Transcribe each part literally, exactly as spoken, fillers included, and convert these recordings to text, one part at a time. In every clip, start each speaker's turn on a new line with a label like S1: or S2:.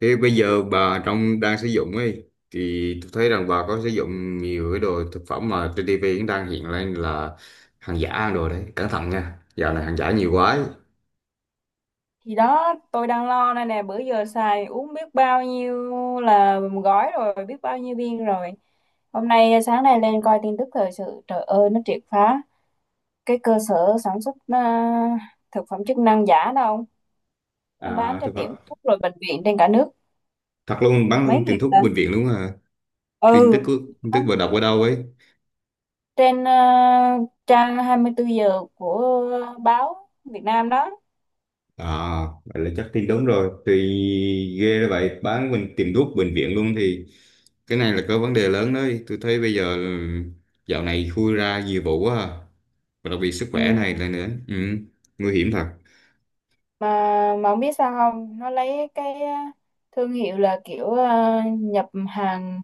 S1: Thế bây giờ bà trong đang sử dụng ấy thì tôi thấy rằng bà có sử dụng nhiều cái đồ thực phẩm mà trên ti vi cũng đang hiện lên là hàng giả. Hàng đồ đấy cẩn thận nha, dạo này hàng giả nhiều quá ấy.
S2: Thì đó, tôi đang lo đây nè, bữa giờ xài uống biết bao nhiêu là gói rồi, biết bao nhiêu viên rồi. Hôm nay à, sáng nay lên coi tin tức thời sự, trời ơi, nó triệt phá cái cơ sở sản xuất à, thực phẩm chức năng giả đâu nó bán
S1: À,
S2: cho
S1: thực
S2: tiệm
S1: vật.
S2: thuốc rồi bệnh viện trên cả nước,
S1: Thật luôn, bán
S2: mấy
S1: luôn tiền
S2: nghìn
S1: thuốc
S2: tấn.
S1: bệnh viện luôn à? Tin tức
S2: Ừ,
S1: cứ- tin tức
S2: bán
S1: vừa đọc ở đâu ấy?
S2: trên à, trang hai mươi tư giờ của báo Việt Nam đó.
S1: À, vậy là chắc tin đúng rồi. Thì ghê đó vậy, bán mình tìm thuốc bệnh viện luôn thì cái này là có vấn đề lớn đấy. Tôi thấy bây giờ ừ, dạo này khui ra nhiều vụ quá à. Và đặc biệt sức khỏe này
S2: Ừ,
S1: là nữa. Ừ, nguy hiểm thật.
S2: mà mà không biết sao không, nó lấy cái á, thương hiệu là kiểu à, nhập hàng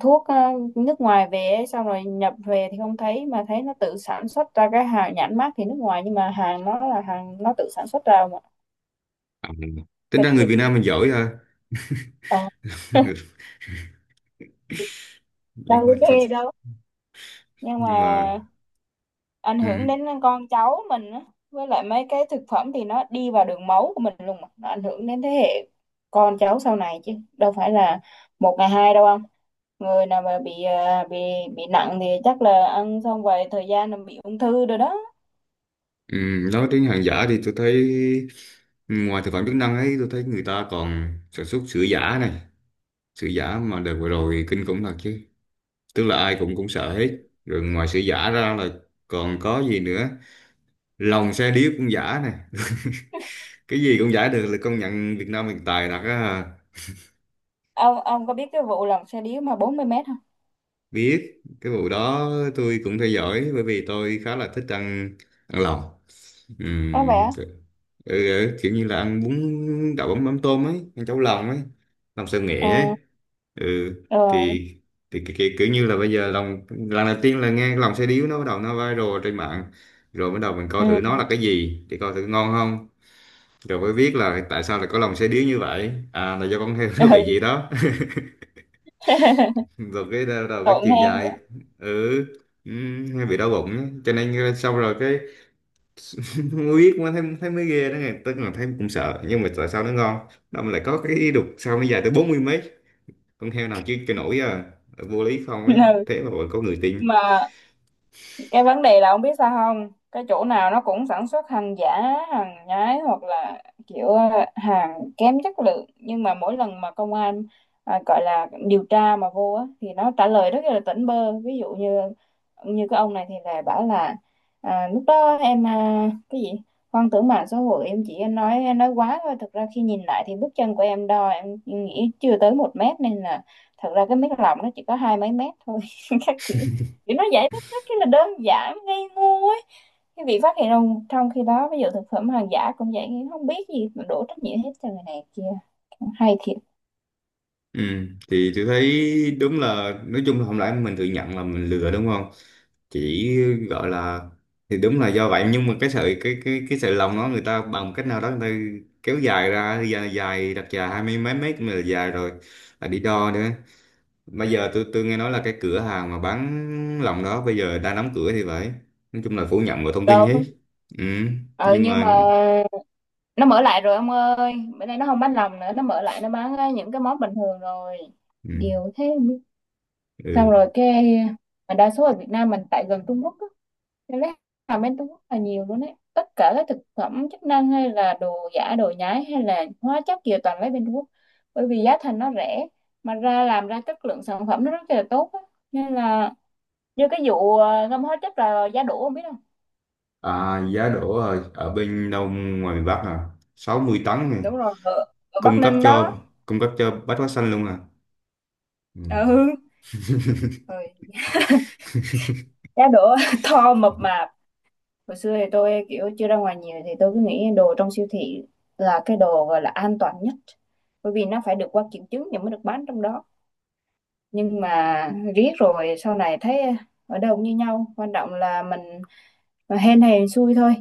S2: thuốc à, nước ngoài về ấy, xong rồi nhập về thì không thấy mà thấy nó tự sản xuất ra cái hàng nhãn mác thì nước ngoài, nhưng mà hàng nó là hàng nó tự sản xuất ra mà.
S1: À, tính
S2: Kinh
S1: ra người
S2: dị,
S1: Việt Nam mình giỏi ha.
S2: ờ, đâu
S1: nhưng mà
S2: có chê đâu, nhưng mà
S1: nhưng mà
S2: ảnh hưởng
S1: ừ,
S2: đến con cháu mình á. Với lại mấy cái thực phẩm thì nó đi vào đường máu của mình luôn mà, nó ảnh hưởng đến thế hệ con cháu sau này chứ đâu phải là một ngày hai đâu. Không, người nào mà bị à, bị bị nặng thì chắc là ăn xong vài thời gian là bị ung thư rồi đó.
S1: ừ, nói đến hàng giả thì tôi thấy, ừ, ngoài thực phẩm chức năng ấy tôi thấy người ta còn sản xuất sữa giả này. Sữa giả mà đợt vừa rồi kinh khủng thật chứ, tức là ai cũng cũng sợ hết. Rồi ngoài sự giả ra là còn có gì nữa, lòng xe điếc cũng giả nè. Cái gì cũng giả được, là công nhận Việt Nam mình tài thật á.
S2: Ông ông có biết cái vụ lòng xe điếu mà bốn mươi mét không?
S1: Biết cái vụ đó tôi cũng theo dõi bởi vì tôi khá là thích ăn ăn lòng.
S2: Có
S1: Ừm,
S2: vẻ
S1: ừ, ừ, Kiểu như là ăn bún đậu mắm mắm tôm ấy, ăn cháo lòng ấy, lòng xào
S2: ừ,
S1: nghệ ấy. ừ
S2: ừ,
S1: thì thì cái, cái, kiểu như là bây giờ lòng, lần đầu tiên là nghe cái lòng xe điếu nó bắt đầu nó viral trên mạng. Rồi bắt đầu mình coi thử nó
S2: ừ,
S1: là cái gì, thì coi thử ngon không. Rồi mới biết là tại sao lại có lòng xe điếu như vậy, à là do con heo nó bị gì
S2: ừ.
S1: đó. Rồi cái đầu đầu cái
S2: Tội
S1: chiều
S2: nghe.
S1: dài, ừ ừ, hay bị đau bụng á. Cho nên ờ, xong rồi cái, không biết, mà thấy thấy mới ghê đó nghe, tức là thấy cũng sợ nhưng mà tại sao nó ngon, nó lại có cái đục, sao nó dài tới bốn mươi mấy con heo nào chứ cái nổi à, vô lý không
S2: Ừ.
S1: ấy. Thế mà vẫn có người tin.
S2: Mà cái vấn đề là ông biết sao không, cái chỗ nào nó cũng sản xuất hàng giả, hàng nhái, hoặc là kiểu ờ, hàng kém chất lượng, nhưng mà mỗi lần mà công an à, gọi là điều tra mà vô á, thì nó trả lời rất là tỉnh bơ. Ví dụ như như cái ông này thì là bảo là à, lúc đó em à, cái gì hoang tưởng mạng xã hội, em chỉ nói nói quá thôi, thực ra khi nhìn lại thì bước chân của em đo em nghĩ chưa tới một mét, nên là thật ra cái mét lòng nó chỉ có hai mấy mét thôi. Các kiểu, kiểu nó vậy đó, rất là đơn giản ngây ngô ấy. Cái việc phát hiện trong trong khi đó, ví dụ thực phẩm hàng giả cũng vậy, không biết gì mà đổ trách nhiệm hết cho người này kia. Hay thiệt.
S1: Ừ. Thì tôi thấy đúng là nói chung là không lẽ mình tự nhận là mình lừa, đúng không? Chỉ gọi là, thì đúng là do vậy, nhưng mà cái sợi, cái cái cái sợi lòng đó người ta bằng cách nào đó người ta kéo dài ra dài, dài đặt dài hai mươi mấy mét mà là dài rồi, là đi đo nữa. Bây giờ tôi tôi nghe nói là cái cửa hàng mà bán lòng đó bây giờ đang đóng cửa thì phải. Nói chung là phủ nhận mọi thông tin
S2: Đâu,
S1: hết. Ừ.
S2: ừ.
S1: Nhưng
S2: Nhưng
S1: mà,
S2: mà nó mở lại rồi ông ơi, bữa nay nó không bán lòng nữa, nó mở lại nó bán ờ, những cái món bình thường rồi.
S1: ừ.
S2: Điều thế. Xong
S1: Ừ.
S2: rồi cái mà đa số ở Việt Nam mình tại gần Trung Quốc á, nên lấy hàng bên Trung Quốc là nhiều luôn đấy, tất cả các thực phẩm chức năng hay là đồ giả đồ nhái hay là hóa chất gì toàn lấy bên Trung Quốc, bởi vì giá thành nó rẻ mà ra làm ra chất lượng sản phẩm nó rất là tốt á. Nên là như cái vụ ờ, ngâm hóa chất là giá đỗ, không biết không?
S1: À, giá đỗ ở, ở bên đâu, ngoài miền Bắc à? Sáu mươi tấn này,
S2: Đúng rồi, ở, ở Bắc
S1: cung cấp
S2: Ninh đó.
S1: cho cung cấp cho Bách Hóa Xanh luôn à? Ừ.
S2: Ừ, rồi giá đỗ to mập mạp. Hồi xưa thì tôi kiểu chưa ra ngoài nhiều thì tôi cứ nghĩ đồ trong siêu thị là cái đồ gọi là an toàn nhất, bởi vì nó phải được qua kiểm chứng thì mới được bán trong đó. Nhưng mà riết rồi sau này thấy ở đâu cũng như nhau, quan trọng là mình mà hên hay xui thôi.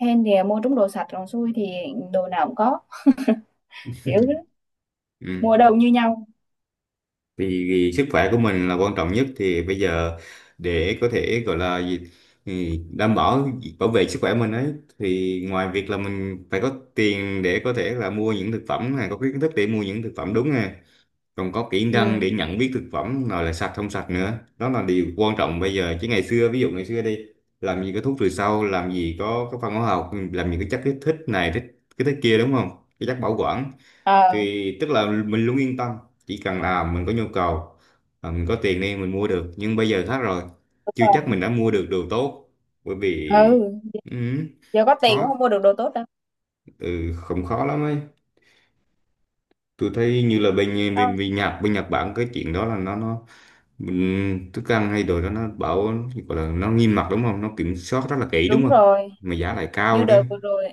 S2: Hên thì mua trúng đồ sạch, còn xui thì đồ nào cũng có, kiểu thế.
S1: Ừ.
S2: Mua đâu cũng như nhau.
S1: Vì, vì sức khỏe của mình là quan trọng nhất, thì bây giờ để có thể gọi là gì thì đảm bảo, bảo vệ sức khỏe mình ấy, thì ngoài việc là mình phải có tiền để có thể là mua những thực phẩm này, có cái kiến thức để mua những thực phẩm đúng nè, còn có kỹ năng để
S2: Ừ,
S1: nhận biết thực phẩm nào là sạch, không sạch nữa. Đó là điều quan trọng bây giờ, chứ ngày xưa, ví dụ ngày xưa đi làm gì có thuốc trừ sâu, làm gì có có phân hóa học, làm gì có chất kích thích này thích cái thích kia, đúng không, cái chất bảo quản,
S2: ờ,
S1: thì tức là mình luôn yên tâm, chỉ cần là mình có nhu cầu, à, mình có tiền đi mình mua được. Nhưng bây giờ khác rồi,
S2: đúng
S1: chưa chắc
S2: rồi.
S1: mình đã mua được đồ tốt, bởi vì
S2: Ừ,
S1: ừ,
S2: giờ có tiền cũng
S1: khó,
S2: không mua được đồ tốt đâu.
S1: ừ, không, khó lắm ấy. Tôi thấy như là bên
S2: Đâu,
S1: bên, bên Nhật, bên Nhật Bản cái chuyện đó là nó nó mình thức ăn hay đồ đó nó bảo, gọi là nó nghiêm ngặt đúng không, nó kiểm soát rất là kỹ đúng
S2: đúng
S1: không,
S2: rồi,
S1: mà giá lại
S2: như
S1: cao nữa.
S2: đợt vừa rồi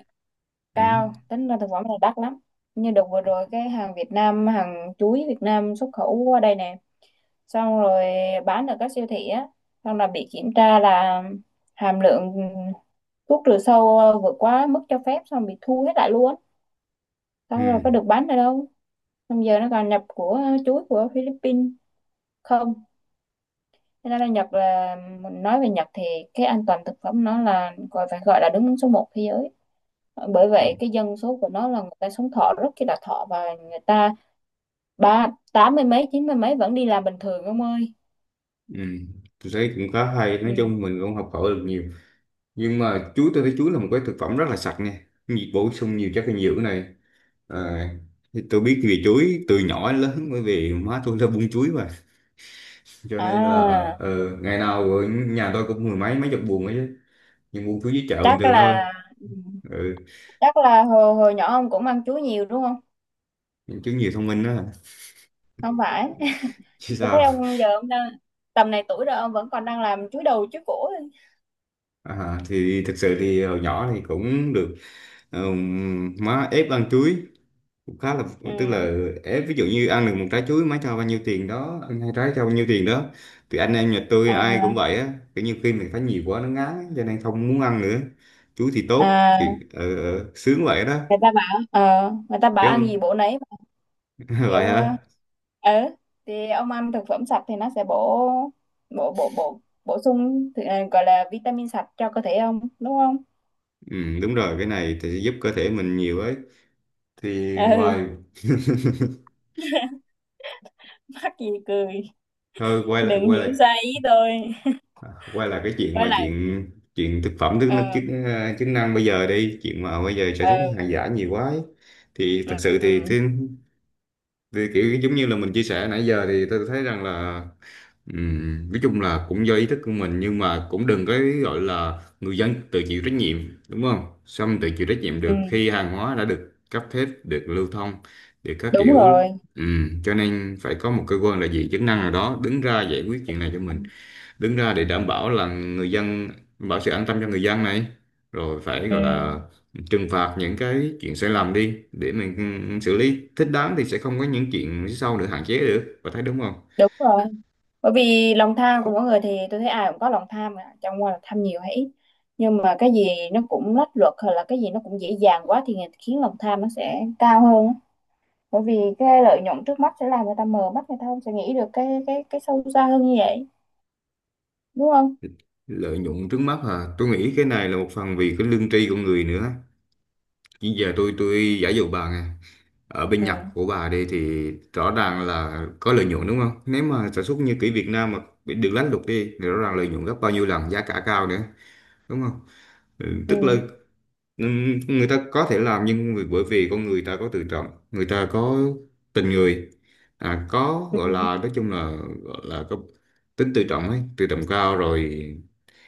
S1: Ừ.
S2: cao, tính ra thực phẩm này đắt lắm. Như đợt vừa rồi cái hàng Việt Nam, hàng chuối Việt Nam xuất khẩu qua đây nè, xong rồi bán ở các siêu thị á, xong là bị kiểm tra là hàm lượng thuốc trừ sâu vượt quá mức cho phép, xong bị thu hết lại luôn, xong rồi
S1: Ừ.
S2: có được bán ở đâu. Xong giờ nó còn nhập của chuối của Philippines không. Thế nên là Nhật là, mình nói về Nhật thì cái an toàn thực phẩm nó là gọi phải gọi là đứng số một thế giới. Bởi
S1: Ừ.
S2: vậy cái dân số của nó là người ta sống thọ rất là thọ, và người ta ba tám mươi mấy chín mươi mấy vẫn đi làm bình thường ông ơi.
S1: Ừ. Tôi thấy cũng khá hay,
S2: Ừ.
S1: nói chung mình cũng học hỏi được nhiều. Nhưng mà chuối, tôi thấy chuối là một cái thực phẩm rất là sạch nha, nhiệt bổ sung nhiều chất dinh dưỡng này. À, thì tôi biết về chuối từ nhỏ đến lớn bởi vì má tôi là buôn chuối mà, cho nên là
S2: À
S1: ờ, ngày nào ở nhà tôi cũng mười mấy, mấy chục buồng ấy chứ, nhưng buôn chuối dưới chợ bình
S2: chắc
S1: thường thôi.
S2: là ừ,
S1: Ừ.
S2: chắc là hồi hồi nhỏ ông cũng ăn chuối nhiều đúng không?
S1: Chuối nhiều thông minh đó,
S2: Không phải
S1: chứ
S2: tôi thấy
S1: sao.
S2: ông giờ ông đang tầm này tuổi rồi ông vẫn còn đang làm chuối đầu chuối cổ.
S1: À, thì thực sự thì hồi nhỏ thì cũng được, ừm, má ép ăn chuối cũng khá là, tức
S2: Ừ.
S1: là ép, ví dụ như ăn được một trái chuối má cho bao nhiêu tiền đó, ăn hai trái cho bao nhiêu tiền đó. Thì anh em nhà tôi ai
S2: À,
S1: cũng vậy á, kiểu như khi mình thấy nhiều quá nó ngán cho nên không muốn ăn nữa. Chuối thì tốt
S2: à,
S1: thì ờ, ờ, sướng vậy đó,
S2: người ta bảo ờ, người ta bảo
S1: chứ
S2: ăn gì
S1: không.
S2: bổ nấy mà.
S1: Vậy
S2: Kiểu
S1: hả?
S2: ờ, ừ, thì ông ăn thực phẩm sạch thì nó sẽ bổ bổ bổ bổ bổ sung thì, ờ, gọi là vitamin sạch cho cơ thể ông đúng không?
S1: ừ, Đúng rồi, cái này thì sẽ giúp cơ thể mình nhiều ấy, thì
S2: Ừ.
S1: ngoài,
S2: Mắc gì cười,
S1: thôi quay lại,
S2: đừng
S1: quay
S2: hiểu
S1: lại
S2: sai ý tôi.
S1: quay lại cái chuyện
S2: Quay
S1: mà,
S2: lại.
S1: chuyện chuyện thực phẩm thức năng,
S2: Ờ,
S1: chức chức năng bây giờ đi, chuyện mà bây giờ sản xuất
S2: ờ,
S1: những hàng giả nhiều quá ấy. Thì
S2: ừ,
S1: thật sự thì,
S2: ừ,
S1: thì, thì kiểu giống như là mình chia sẻ nãy giờ, thì tôi thấy rằng là, ừm, nói chung là cũng do ý thức của mình, nhưng mà cũng đừng có gọi là người dân tự chịu trách nhiệm, đúng không? Xong tự chịu trách nhiệm
S2: ừ,
S1: được khi hàng hóa đã được cấp phép, được lưu thông, được các
S2: đúng
S1: kiểu.
S2: rồi.
S1: Ừm, cho nên phải có một cơ quan là gì, chức năng nào đó đứng ra giải quyết chuyện này cho mình, đứng ra để đảm bảo là người dân, bảo sự an tâm cho người dân này, rồi phải
S2: Ừ,
S1: gọi là trừng phạt những cái chuyện sai lầm đi để mình xử lý thích đáng, thì sẽ không có những chuyện phía sau, được hạn chế được và thấy đúng không.
S2: đúng rồi. Bởi vì lòng tham của mỗi người, thì tôi thấy ai cũng có lòng tham mà chẳng qua là tham nhiều hay ít, nhưng mà cái gì nó cũng lách luật, hay là cái gì nó cũng dễ dàng quá thì khiến lòng tham nó sẽ cao hơn á. Bởi vì cái lợi nhuận trước mắt sẽ làm người ta mờ mắt, người ta không sẽ nghĩ được cái cái cái sâu xa hơn như vậy, đúng không?
S1: Lợi nhuận trước mắt à, tôi nghĩ cái này là một phần vì cái lương tri của người nữa. Chứ giờ tôi tôi giả dụ bà nè, ở bên
S2: Ừ,
S1: Nhật của bà đây thì rõ ràng là có lợi nhuận đúng không, nếu mà sản xuất như kiểu Việt Nam mà bị được lánh luật đi thì rõ ràng lợi nhuận gấp bao nhiêu lần, giá cả cao nữa, đúng không? Ừ,
S2: ừ,
S1: tức là, Ừm, người ta có thể làm, nhưng vì- bởi vì con người ta có tự trọng, người ta có tình người, à, có
S2: ừ,
S1: gọi là, nói chung là gọi là có tính tự trọng ấy, tự trọng cao rồi,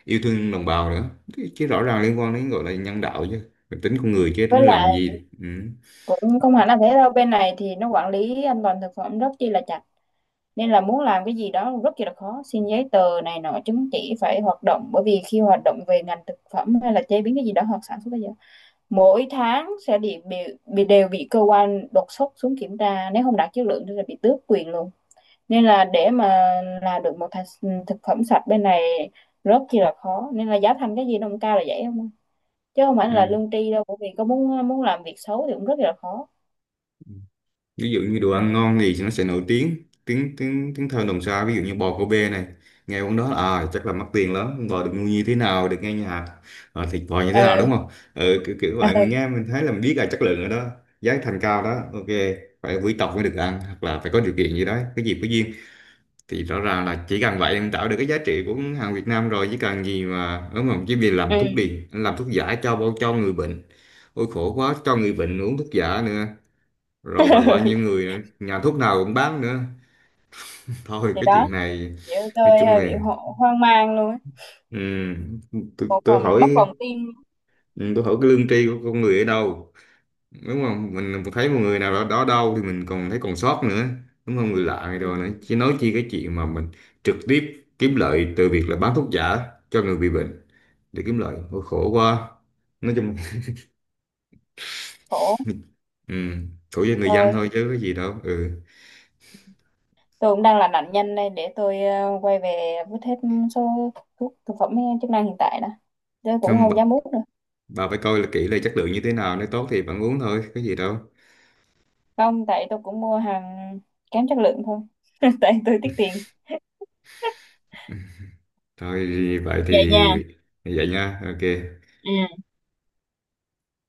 S1: yêu thương đồng bào nữa, chứ, chứ rõ ràng liên quan đến, gọi là nhân đạo chứ, tính con người chứ
S2: với
S1: tính
S2: lại
S1: làm gì.
S2: cũng không hẳn là thế đâu, bên này thì nó quản lý an toàn thực phẩm rất chi là chặt, nên là muốn làm cái gì đó rất là khó, xin giấy tờ này nọ chứng chỉ phải hoạt động, bởi vì khi hoạt động về ngành thực phẩm hay là chế biến cái gì đó hoặc sản xuất bây giờ, mỗi tháng sẽ bị, bị, bị đều bị cơ quan đột xuất xuống kiểm tra, nếu không đạt chất lượng thì là bị tước quyền luôn. Nên là để mà làm được một thành- thực phẩm sạch bên này rất là khó, nên là giá thành cái gì nó cũng cao là vậy không, chứ không phải là
S1: Ừm.
S2: lương tri đâu, bởi vì có muốn muốn làm việc xấu thì cũng rất là khó.
S1: Ví dụ như đồ
S2: Ừ.
S1: ăn ngon thì nó sẽ nổi tiếng, tiếng tiếng tiếng thơm đồng xa, ví dụ như bò Kobe này, nghe món đó, à chắc là mắc tiền lắm, bò được nuôi như thế nào, được nghe nhà, à, thịt bò như thế
S2: Ờ.
S1: nào đúng không. Ừ, kiểu, kiểu vậy mình nghe mình thấy là mình biết là chất lượng rồi đó, giá thành cao đó, ok, phải quý tộc mới được ăn hoặc là phải có điều kiện gì đó, cái gì có duyên, thì rõ ràng là chỉ cần vậy em tạo được cái giá trị của hàng Việt Nam rồi chứ cần gì mà, đúng không, chứ vì làm thuốc
S2: ừ.
S1: đi, làm thuốc giả cho cho người bệnh, ôi khổ quá, cho người bệnh uống thuốc giả nữa, rồi bởi bởi những người nhà thuốc nào cũng bán nữa. Thôi
S2: Thì
S1: cái chuyện
S2: đó,
S1: này
S2: chị ơi,
S1: nói
S2: tôi
S1: chung
S2: hơi
S1: là,
S2: bị ho hoang mang luôn á.
S1: ừm, tôi,
S2: Một
S1: tôi
S2: hồi mình
S1: hỏi,
S2: mất lòng tin.
S1: ừm, tôi hỏi cái lương tri của con người ở đâu, đúng không? Mình thấy một người nào đó, đó đâu thì mình còn thấy còn sót nữa, đúng không, người lạ này
S2: Ừ,
S1: rồi nữa, chứ nói chi cái chuyện mà mình trực tiếp kiếm lợi từ việc là bán thuốc giả cho người bị bệnh, để kiếm lợi. Ôi, khổ quá, nói chung.
S2: khổ.
S1: ừm, khổ cho người dân
S2: Tôi,
S1: thôi chứ có gì đâu. Ừ,
S2: tôi cũng đang là nạn nhân đây, để tôi ờ, quay về vứt hết số thuốc thực phẩm ờ, chức năng hiện tại đã. Tôi cũng
S1: không bà,
S2: không dám uống nữa.
S1: bà phải coi là kỹ là chất lượng như thế nào, nếu tốt thì bạn uống thôi có gì đâu.
S2: Không, tại tôi cũng mua hàng kém chất lượng thôi. Tại tôi tiết tiền.
S1: Thôi vậy
S2: Vậy nha.
S1: thì vậy nha. Ok,
S2: Ừ.